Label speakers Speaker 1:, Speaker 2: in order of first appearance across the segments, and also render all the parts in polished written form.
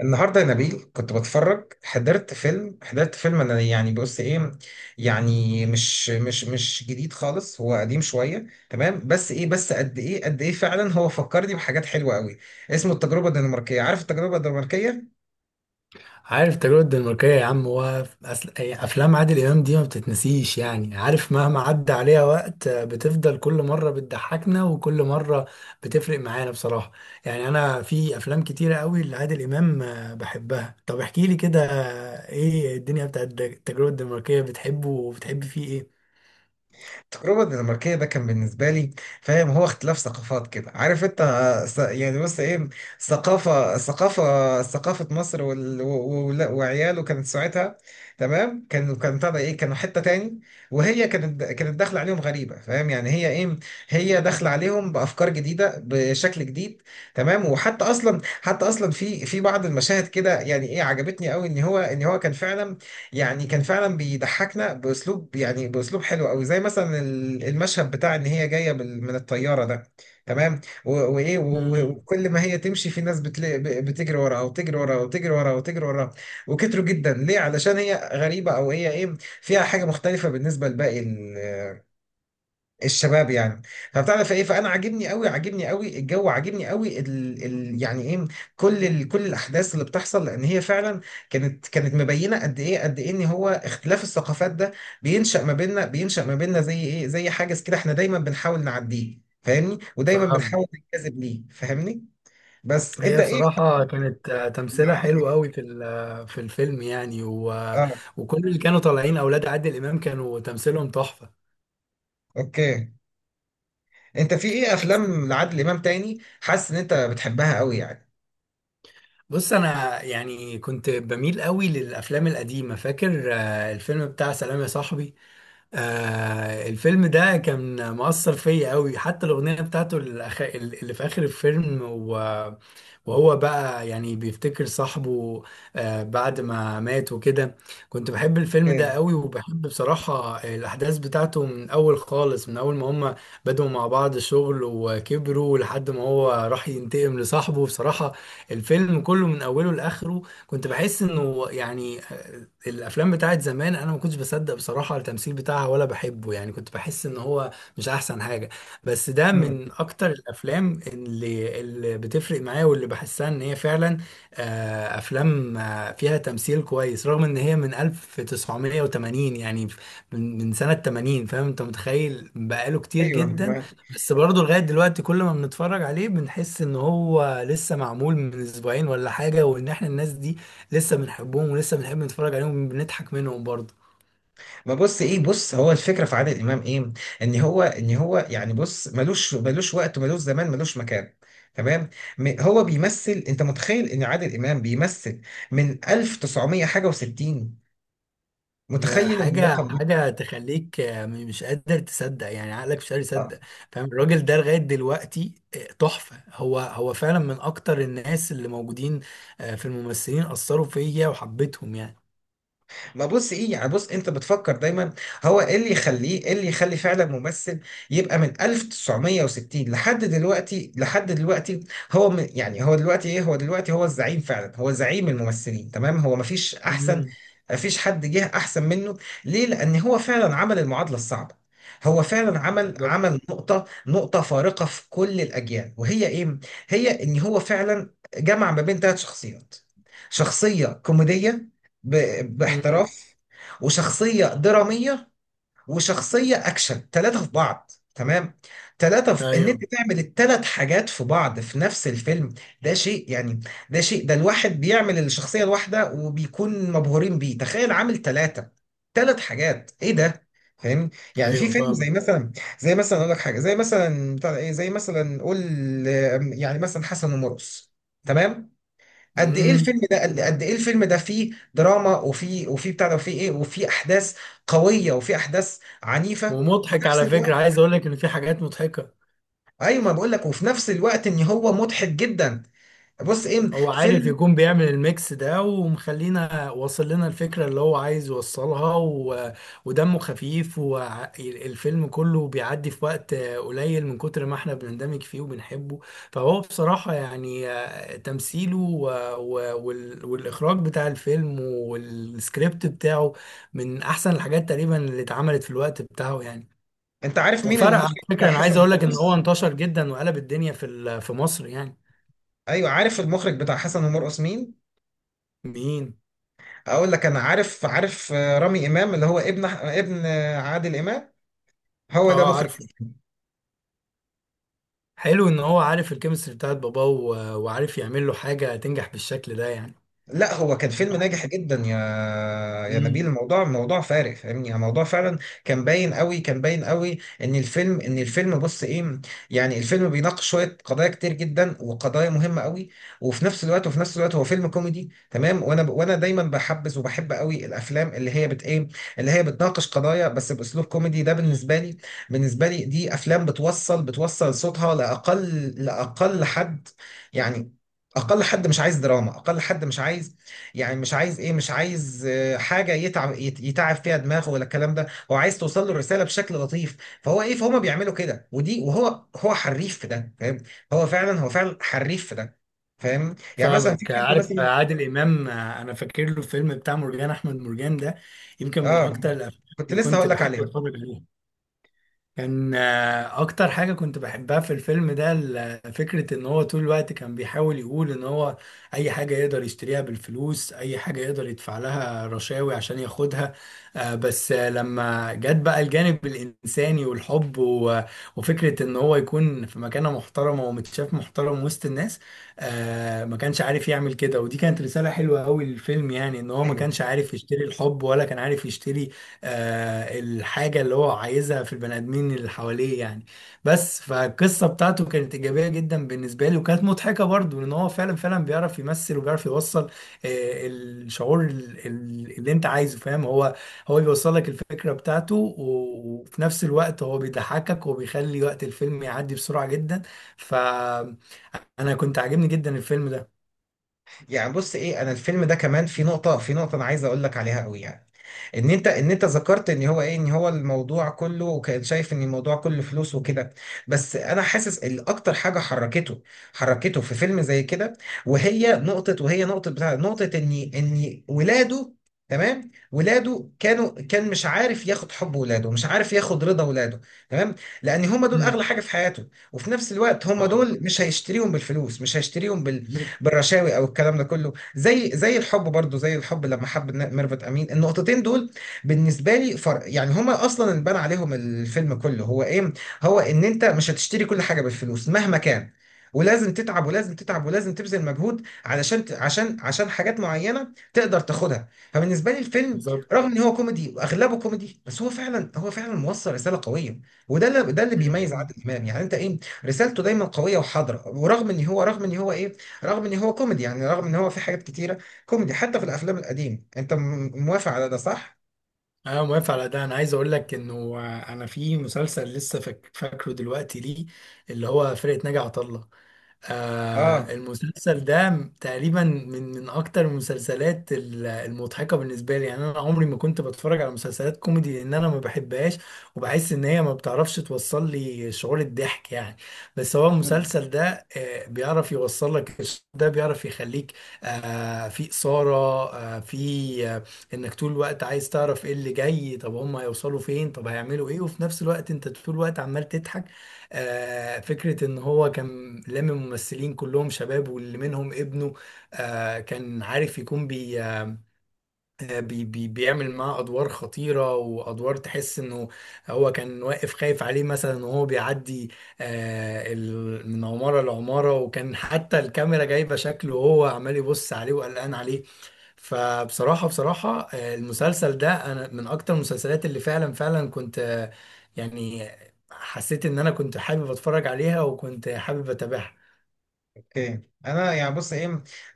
Speaker 1: النهارده يا نبيل كنت بتفرج. حضرت فيلم. انا يعني بص ايه، يعني مش جديد خالص، هو قديم شويه. تمام بس ايه، بس قد ايه فعلا هو فكرني بحاجات حلوه قوي. اسمه التجربه الدنماركيه، عارف التجربه الدنماركيه.
Speaker 2: عارف التجربة الدنماركية يا عم. أي أفلام عادل إمام دي ما بتتنسيش، يعني عارف، مهما عدى عليها وقت بتفضل كل مرة بتضحكنا وكل مرة بتفرق معانا بصراحة. يعني أنا في أفلام كتيرة قوي لعادل إمام بحبها. طب احكي لي كده، إيه الدنيا بتاعت التجربة الدنماركية؟ بتحبه وبتحب فيه إيه؟
Speaker 1: التجربة الدنماركية ده كان بالنسبة لي، فاهم، هو اختلاف ثقافات كده، عارف انت، يعني بص ايه، ثقافة مصر لا، وعياله كانت ساعتها، تمام، كانوا طبعا ايه، كانوا حتة تاني. وهي كانت داخلة عليهم غريبة، فاهم، يعني هي ايه، هي داخلة عليهم بأفكار جديدة بشكل جديد. تمام. وحتى اصلا، حتى اصلا في بعض المشاهد كده يعني ايه عجبتني قوي ان هو كان فعلا، يعني كان فعلا بيضحكنا باسلوب، يعني باسلوب حلو قوي، زي مثلا المشهد بتاع ان هي جايه من الطياره ده. تمام
Speaker 2: مم.
Speaker 1: وكل ما هي تمشي في ناس بتجري وراها وتجري وراها وتجري وراها وتجري وراها، وكتروا جدا. ليه؟ علشان هي غريبه، او هي ايه، فيها حاجه مختلفه بالنسبه لباقي الشباب يعني. فبتعرف ايه، فانا عاجبني قوي، عاجبني قوي الجو، عاجبني قوي ال يعني ايه، كل الاحداث اللي بتحصل. لان هي فعلا كانت مبينه قد ايه ان هو اختلاف الثقافات ده بينشا ما بيننا، بينشا ما بيننا زي ايه، زي حاجز كده، احنا دايما بنحاول نعديه، فاهمني، ودايما
Speaker 2: فاهم.
Speaker 1: بنحاول نجذب ليه، فاهمني. بس انت
Speaker 2: هي
Speaker 1: ايه؟
Speaker 2: بصراحة كانت تمثيلها
Speaker 1: عادل
Speaker 2: حلو
Speaker 1: امام.
Speaker 2: قوي في ال- آه، في الفيلم يعني.
Speaker 1: اه.
Speaker 2: وكل اللي كانوا طالعين أولاد عادل إمام كانوا تمثيلهم تحفة.
Speaker 1: اوكي، انت في ايه
Speaker 2: بس.
Speaker 1: افلام لعادل امام تاني حاسس ان انت بتحبها قوي يعني؟
Speaker 2: بص، انا يعني كنت بميل قوي للافلام القديمه، فاكر الفيلم بتاع سلام يا صاحبي. الفيلم ده كان مؤثر فيا قوي، حتى الأغنية بتاعته اللي في آخر الفيلم، وهو بقى يعني بيفتكر صاحبه بعد ما مات وكده. كنت بحب الفيلم ده
Speaker 1: اوكي.
Speaker 2: قوي وبحب بصراحة الأحداث بتاعته، من أول خالص من أول ما هما بدأوا مع بعض شغل وكبروا لحد ما هو راح ينتقم لصاحبه بصراحة. الفيلم كله من أوله لآخره كنت بحس انه يعني الافلام بتاعت زمان انا ما كنتش بصدق بصراحه التمثيل بتاعها ولا بحبه، يعني كنت بحس ان هو مش احسن حاجه. بس ده
Speaker 1: مم.
Speaker 2: من اكتر الافلام اللي بتفرق معايا، واللي بحسها ان هي فعلا افلام فيها تمثيل كويس رغم ان هي من 1980 يعني، من سنه 80، فاهم انت متخيل بقاله كتير
Speaker 1: ايوه.
Speaker 2: جدا. بس برضه لغاية دلوقتي كل ما بنتفرج عليه بنحس ان هو لسه معمول من اسبوعين ولا حاجة، وان احنا الناس دي لسه بنحبهم ولسه بنحب نتفرج عليهم، بنضحك منهم برضه.
Speaker 1: ما بص ايه، بص هو الفكره في عادل امام ايه؟ ان هو يعني بص، ملوش وقت، ملوش زمان، ملوش مكان. تمام. هو بيمثل، انت متخيل ان عادل امام بيمثل من 1900 حاجه و60؟ متخيل
Speaker 2: حاجة
Speaker 1: الرقم ده؟
Speaker 2: حاجة تخليك مش قادر تصدق، يعني عقلك مش قادر
Speaker 1: آه.
Speaker 2: يصدق. فاهم، الراجل ده لغاية دلوقتي تحفة. هو فعلا من أكتر الناس اللي موجودين في الممثلين، أثروا فيا وحبيتهم يعني.
Speaker 1: ما بص ايه، يعني بص، انت بتفكر دايما هو ايه اللي يخليه، ايه اللي يخلي فعلا ممثل يبقى من 1960 لحد دلوقتي، لحد دلوقتي؟ هو من، يعني هو دلوقتي ايه، هو دلوقتي هو الزعيم فعلا، هو زعيم الممثلين. تمام، هو مفيش احسن،
Speaker 2: امم.
Speaker 1: مفيش حد جه احسن منه. ليه؟ لان هو فعلا عمل المعادلة الصعبة، هو فعلا عمل
Speaker 2: بالظبط.
Speaker 1: عمل نقطة فارقة في كل الأجيال. وهي إيه؟ هي إن هو فعلا جمع ما بين ثلاث شخصيات: شخصية كوميدية ب...
Speaker 2: امم.
Speaker 1: باحتراف، وشخصية درامية، وشخصية أكشن. ثلاثة في بعض، تمام، ثلاثة في إن أنت
Speaker 2: أيوه.
Speaker 1: تعمل الثلاث حاجات في بعض في نفس الفيلم. ده شيء يعني، ده شيء، ده الواحد بيعمل الشخصية الواحدة وبيكون مبهورين بيه، تخيل عامل ثلاث حاجات. إيه ده؟ فاهمني. يعني في
Speaker 2: أيوه،
Speaker 1: فيلم زي
Speaker 2: فاهمك.
Speaker 1: مثلا، زي مثلا اقول لك حاجه زي مثلا بتاع ده ايه زي مثلا قول، يعني مثلا حسن ومرقص. تمام،
Speaker 2: امم.
Speaker 1: قد ايه الفيلم ده؟ فيه دراما، وفيه بتاع ده، وفيه ايه، وفيه احداث قويه، وفيه احداث عنيفه، وفي
Speaker 2: ومضحك
Speaker 1: نفس
Speaker 2: على فكرة،
Speaker 1: الوقت،
Speaker 2: عايز أقول لك إن في حاجات مضحكة.
Speaker 1: ايوه ما بقول لك، وفي نفس الوقت ان هو مضحك جدا. بص ايه،
Speaker 2: هو عارف
Speaker 1: فيلم،
Speaker 2: يكون بيعمل الميكس ده ومخلينا واصل لنا الفكرة اللي هو عايز يوصلها. ودمه خفيف والفيلم كله بيعدي في وقت قليل من كتر ما احنا بنندمج فيه وبنحبه. فهو بصراحة يعني تمثيله و... والإخراج بتاع الفيلم والسكريبت بتاعه من أحسن الحاجات تقريبا اللي اتعملت في الوقت بتاعه يعني.
Speaker 1: انت عارف مين
Speaker 2: وفرق على
Speaker 1: المخرج
Speaker 2: فكرة،
Speaker 1: بتاع
Speaker 2: أنا
Speaker 1: حسن
Speaker 2: عايز أقول لك إن هو
Speaker 1: ومرقص؟
Speaker 2: انتشر جدا وقلب الدنيا في مصر يعني.
Speaker 1: ايوه، عارف المخرج بتاع حسن ومرقص مين؟
Speaker 2: مين؟
Speaker 1: اقول لك، انا عارف، رامي امام، اللي هو ابن عادل امام، هو ده
Speaker 2: اه،
Speaker 1: مخرج.
Speaker 2: عارفه. حلو ان هو عارف الكيمستري بتاعت باباه وعارف يعمل له حاجه تنجح بالشكل ده يعني.
Speaker 1: لا، هو كان فيلم ناجح جدا، يا يا نبيل،
Speaker 2: مم.
Speaker 1: الموضوع موضوع فارق، فاهمني، يعني الموضوع فعلا كان باين قوي، كان باين قوي ان الفيلم بص ايه، يعني الفيلم بيناقش شويه قضايا كتير جدا، وقضايا مهمه قوي، وفي نفس الوقت هو فيلم كوميدي. تمام، وانا دايما بحبذ وبحب قوي الافلام اللي هي بت ايه اللي هي بتناقش قضايا بس باسلوب كوميدي. ده بالنسبه لي، بالنسبه لي دي افلام بتوصل صوتها لاقل حد، يعني اقل حد مش عايز دراما، اقل حد مش عايز، يعني مش عايز ايه، مش عايز حاجه يتعب يتعب فيها دماغه ولا الكلام ده، هو عايز توصل له الرساله بشكل لطيف. فهو ايه، فهم بيعملوا كده، ودي هو حريف في ده، فاهم؟ هو فعلا، هو فعلا حريف في ده، فاهم؟ يعني مثلا في
Speaker 2: فاهمك،
Speaker 1: فيلم
Speaker 2: عارف.
Speaker 1: مثلا.
Speaker 2: عادل امام انا فاكر له الفيلم بتاع مرجان احمد مرجان ده، يمكن من
Speaker 1: اه،
Speaker 2: اكتر الافلام
Speaker 1: كنت
Speaker 2: اللي
Speaker 1: لسه
Speaker 2: كنت
Speaker 1: هقول لك
Speaker 2: بحب
Speaker 1: عليه.
Speaker 2: اتفرج عليها. كان اكتر حاجة كنت بحبها في الفيلم ده فكرة ان هو طول الوقت كان بيحاول يقول ان هو اي حاجة يقدر يشتريها بالفلوس، اي حاجة يقدر يدفع لها رشاوي عشان ياخدها. بس لما جت بقى الجانب الانساني والحب، وفكرة ان هو يكون في مكانة محترمة ومتشاف محترم وسط الناس، ما كانش عارف يعمل كده. ودي كانت رسالة حلوة قوي للفيلم، يعني ان هو ما
Speaker 1: ايوه،
Speaker 2: كانش عارف يشتري الحب ولا كان عارف يشتري الحاجة اللي هو عايزها في البني آدمين اللي حواليه يعني. بس فالقصة بتاعته كانت إيجابية جدا بالنسبة لي وكانت مضحكة برضو، لأن هو فعلا فعلا بيعرف يمثل وبيعرف يوصل الشعور اللي أنت عايزه. فاهم، هو بيوصل لك الفكرة بتاعته، وفي نفس الوقت هو بيضحكك وبيخلي وقت الفيلم يعدي بسرعة جدا. فأنا كنت عاجبني جدا الفيلم ده.
Speaker 1: يعني بص ايه، انا الفيلم ده كمان في نقطه، انا عايز اقول لك عليها قوي يعني. ان انت ذكرت ان هو ايه، ان هو الموضوع كله، وكان شايف ان الموضوع كله فلوس وكده. بس انا حاسس ان اكتر حاجه حركته، في فيلم زي كده، وهي نقطه، وهي نقطه بتاع نقطه ان ولاده. تمام، ولاده كانوا، مش عارف ياخد حب ولاده، مش عارف ياخد رضا ولاده. تمام، لان هم دول اغلى
Speaker 2: امم.
Speaker 1: حاجه في حياته، وفي نفس الوقت هم
Speaker 2: آه،
Speaker 1: دول مش هيشتريهم بالفلوس، مش هيشتريهم بالرشاوي او الكلام ده كله، زي الحب برضو، زي الحب لما حب ميرفت امين. النقطتين دول بالنسبه لي فرق يعني، هما اصلا اللي بنى عليهم الفيلم كله. هو ايه؟ هو ان انت مش هتشتري كل حاجه بالفلوس مهما كان، ولازم تتعب، ولازم تبذل مجهود علشان عشان حاجات معينه تقدر تاخدها. فبالنسبه لي الفيلم
Speaker 2: بالظبط.
Speaker 1: رغم ان هو كوميدي واغلبه كوميدي، بس هو فعلا، هو فعلا موصل رساله قويه. وده اللي ده اللي بيميز عادل امام، يعني انت ايه، رسالته دايما قويه وحاضره، ورغم ان هو رغم ان هو ايه رغم ان هو كوميدي، يعني رغم ان هو في حاجات كتيره كوميدي حتى في الافلام القديم. انت موافق على ده صح؟
Speaker 2: انا موافق على ده، انا عايز اقول لك انه انا في مسلسل لسه فاكره دلوقتي ليه، اللي هو فرقة ناجي عطا الله.
Speaker 1: اه.
Speaker 2: المسلسل ده تقريبا من اكتر المسلسلات المضحكه بالنسبه لي يعني. انا عمري ما كنت بتفرج على مسلسلات كوميدي لان انا ما بحبهاش، وبحس ان هي ما بتعرفش توصل لي شعور الضحك يعني. بس هو المسلسل ده بيعرف يوصل لك ده بيعرف يخليك في اثاره، في انك طول الوقت عايز تعرف ايه اللي جاي، طب هم هيوصلوا فين، طب هيعملوا ايه، وفي نفس الوقت انت طول الوقت عمال تضحك. فكرة إن هو كان لامم ممثلين كلهم شباب واللي منهم ابنه، كان عارف يكون بي آه، بي بي بيعمل معاه أدوار خطيرة وأدوار تحس إنه هو كان واقف خايف عليه مثلا وهو بيعدي من عمارة لعمارة، وكان حتى الكاميرا جايبة شكله وهو عمال يبص عليه وقلقان عليه. فبصراحة بصراحة المسلسل ده أنا من أكتر المسلسلات اللي فعلا فعلا كنت يعني حسيت إن أنا كنت حابب أتفرج عليها وكنت حابب أتابعها.
Speaker 1: اوكي، انا يعني بص ايه،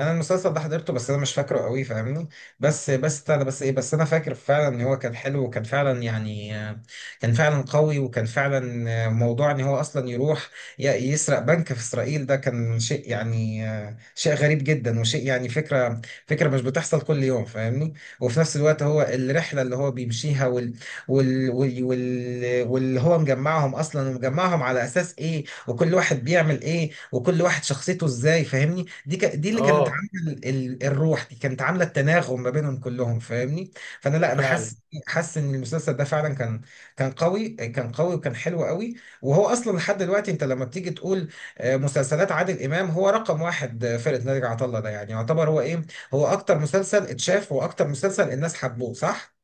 Speaker 1: انا المسلسل ده حضرته بس انا مش فاكره قوي، فاهمني، بس بتاع ده، بس ايه، بس انا فاكر فعلا ان هو كان حلو، وكان فعلا يعني كان فعلا قوي، وكان فعلا موضوع ان هو اصلا يروح ي- يسرق بنك في اسرائيل. ده كان شيء يعني شيء غريب جدا، وشيء يعني فكرة، مش بتحصل كل يوم، فاهمني. وفي نفس الوقت هو الرحلة اللي هو بيمشيها واللي هو مجمعهم اصلا، ومجمعهم على اساس ايه، وكل واحد بيعمل ايه، وكل واحد شخصيته ازاي، فاهمني. دي اللي كانت
Speaker 2: آه،
Speaker 1: عامله الروح دي كانت عامله التناغم ما بينهم كلهم، فاهمني. فانا لا، انا حاسس،
Speaker 2: فعلا.
Speaker 1: ان المسلسل ده فعلا كان، كان قوي وكان حلو قوي. وهو اصلا لحد دلوقتي انت لما بتيجي تقول مسلسلات عادل امام هو رقم واحد، فرقه ناجي عطا الله ده يعني يعتبر هو ايه، هو اكتر مسلسل اتشاف، واكتر مسلسل الناس حبوه، صح؟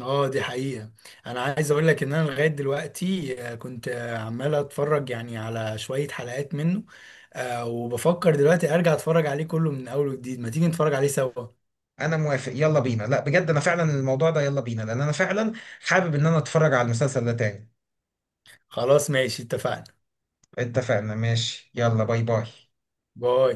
Speaker 2: آه، دي حقيقة. أنا عايز أقول لك إن أنا لغاية دلوقتي كنت عمال أتفرج يعني على شوية حلقات منه، وبفكر دلوقتي أرجع أتفرج عليه كله من أول وجديد ما تيجي نتفرج عليه سوا.
Speaker 1: انا موافق، يلا بينا. لا بجد انا فعلا الموضوع ده، يلا بينا، لان انا فعلا حابب ان انا اتفرج على المسلسل ده تاني.
Speaker 2: خلاص، ماشي، اتفقنا.
Speaker 1: اتفقنا، ماشي، يلا باي باي.
Speaker 2: باي.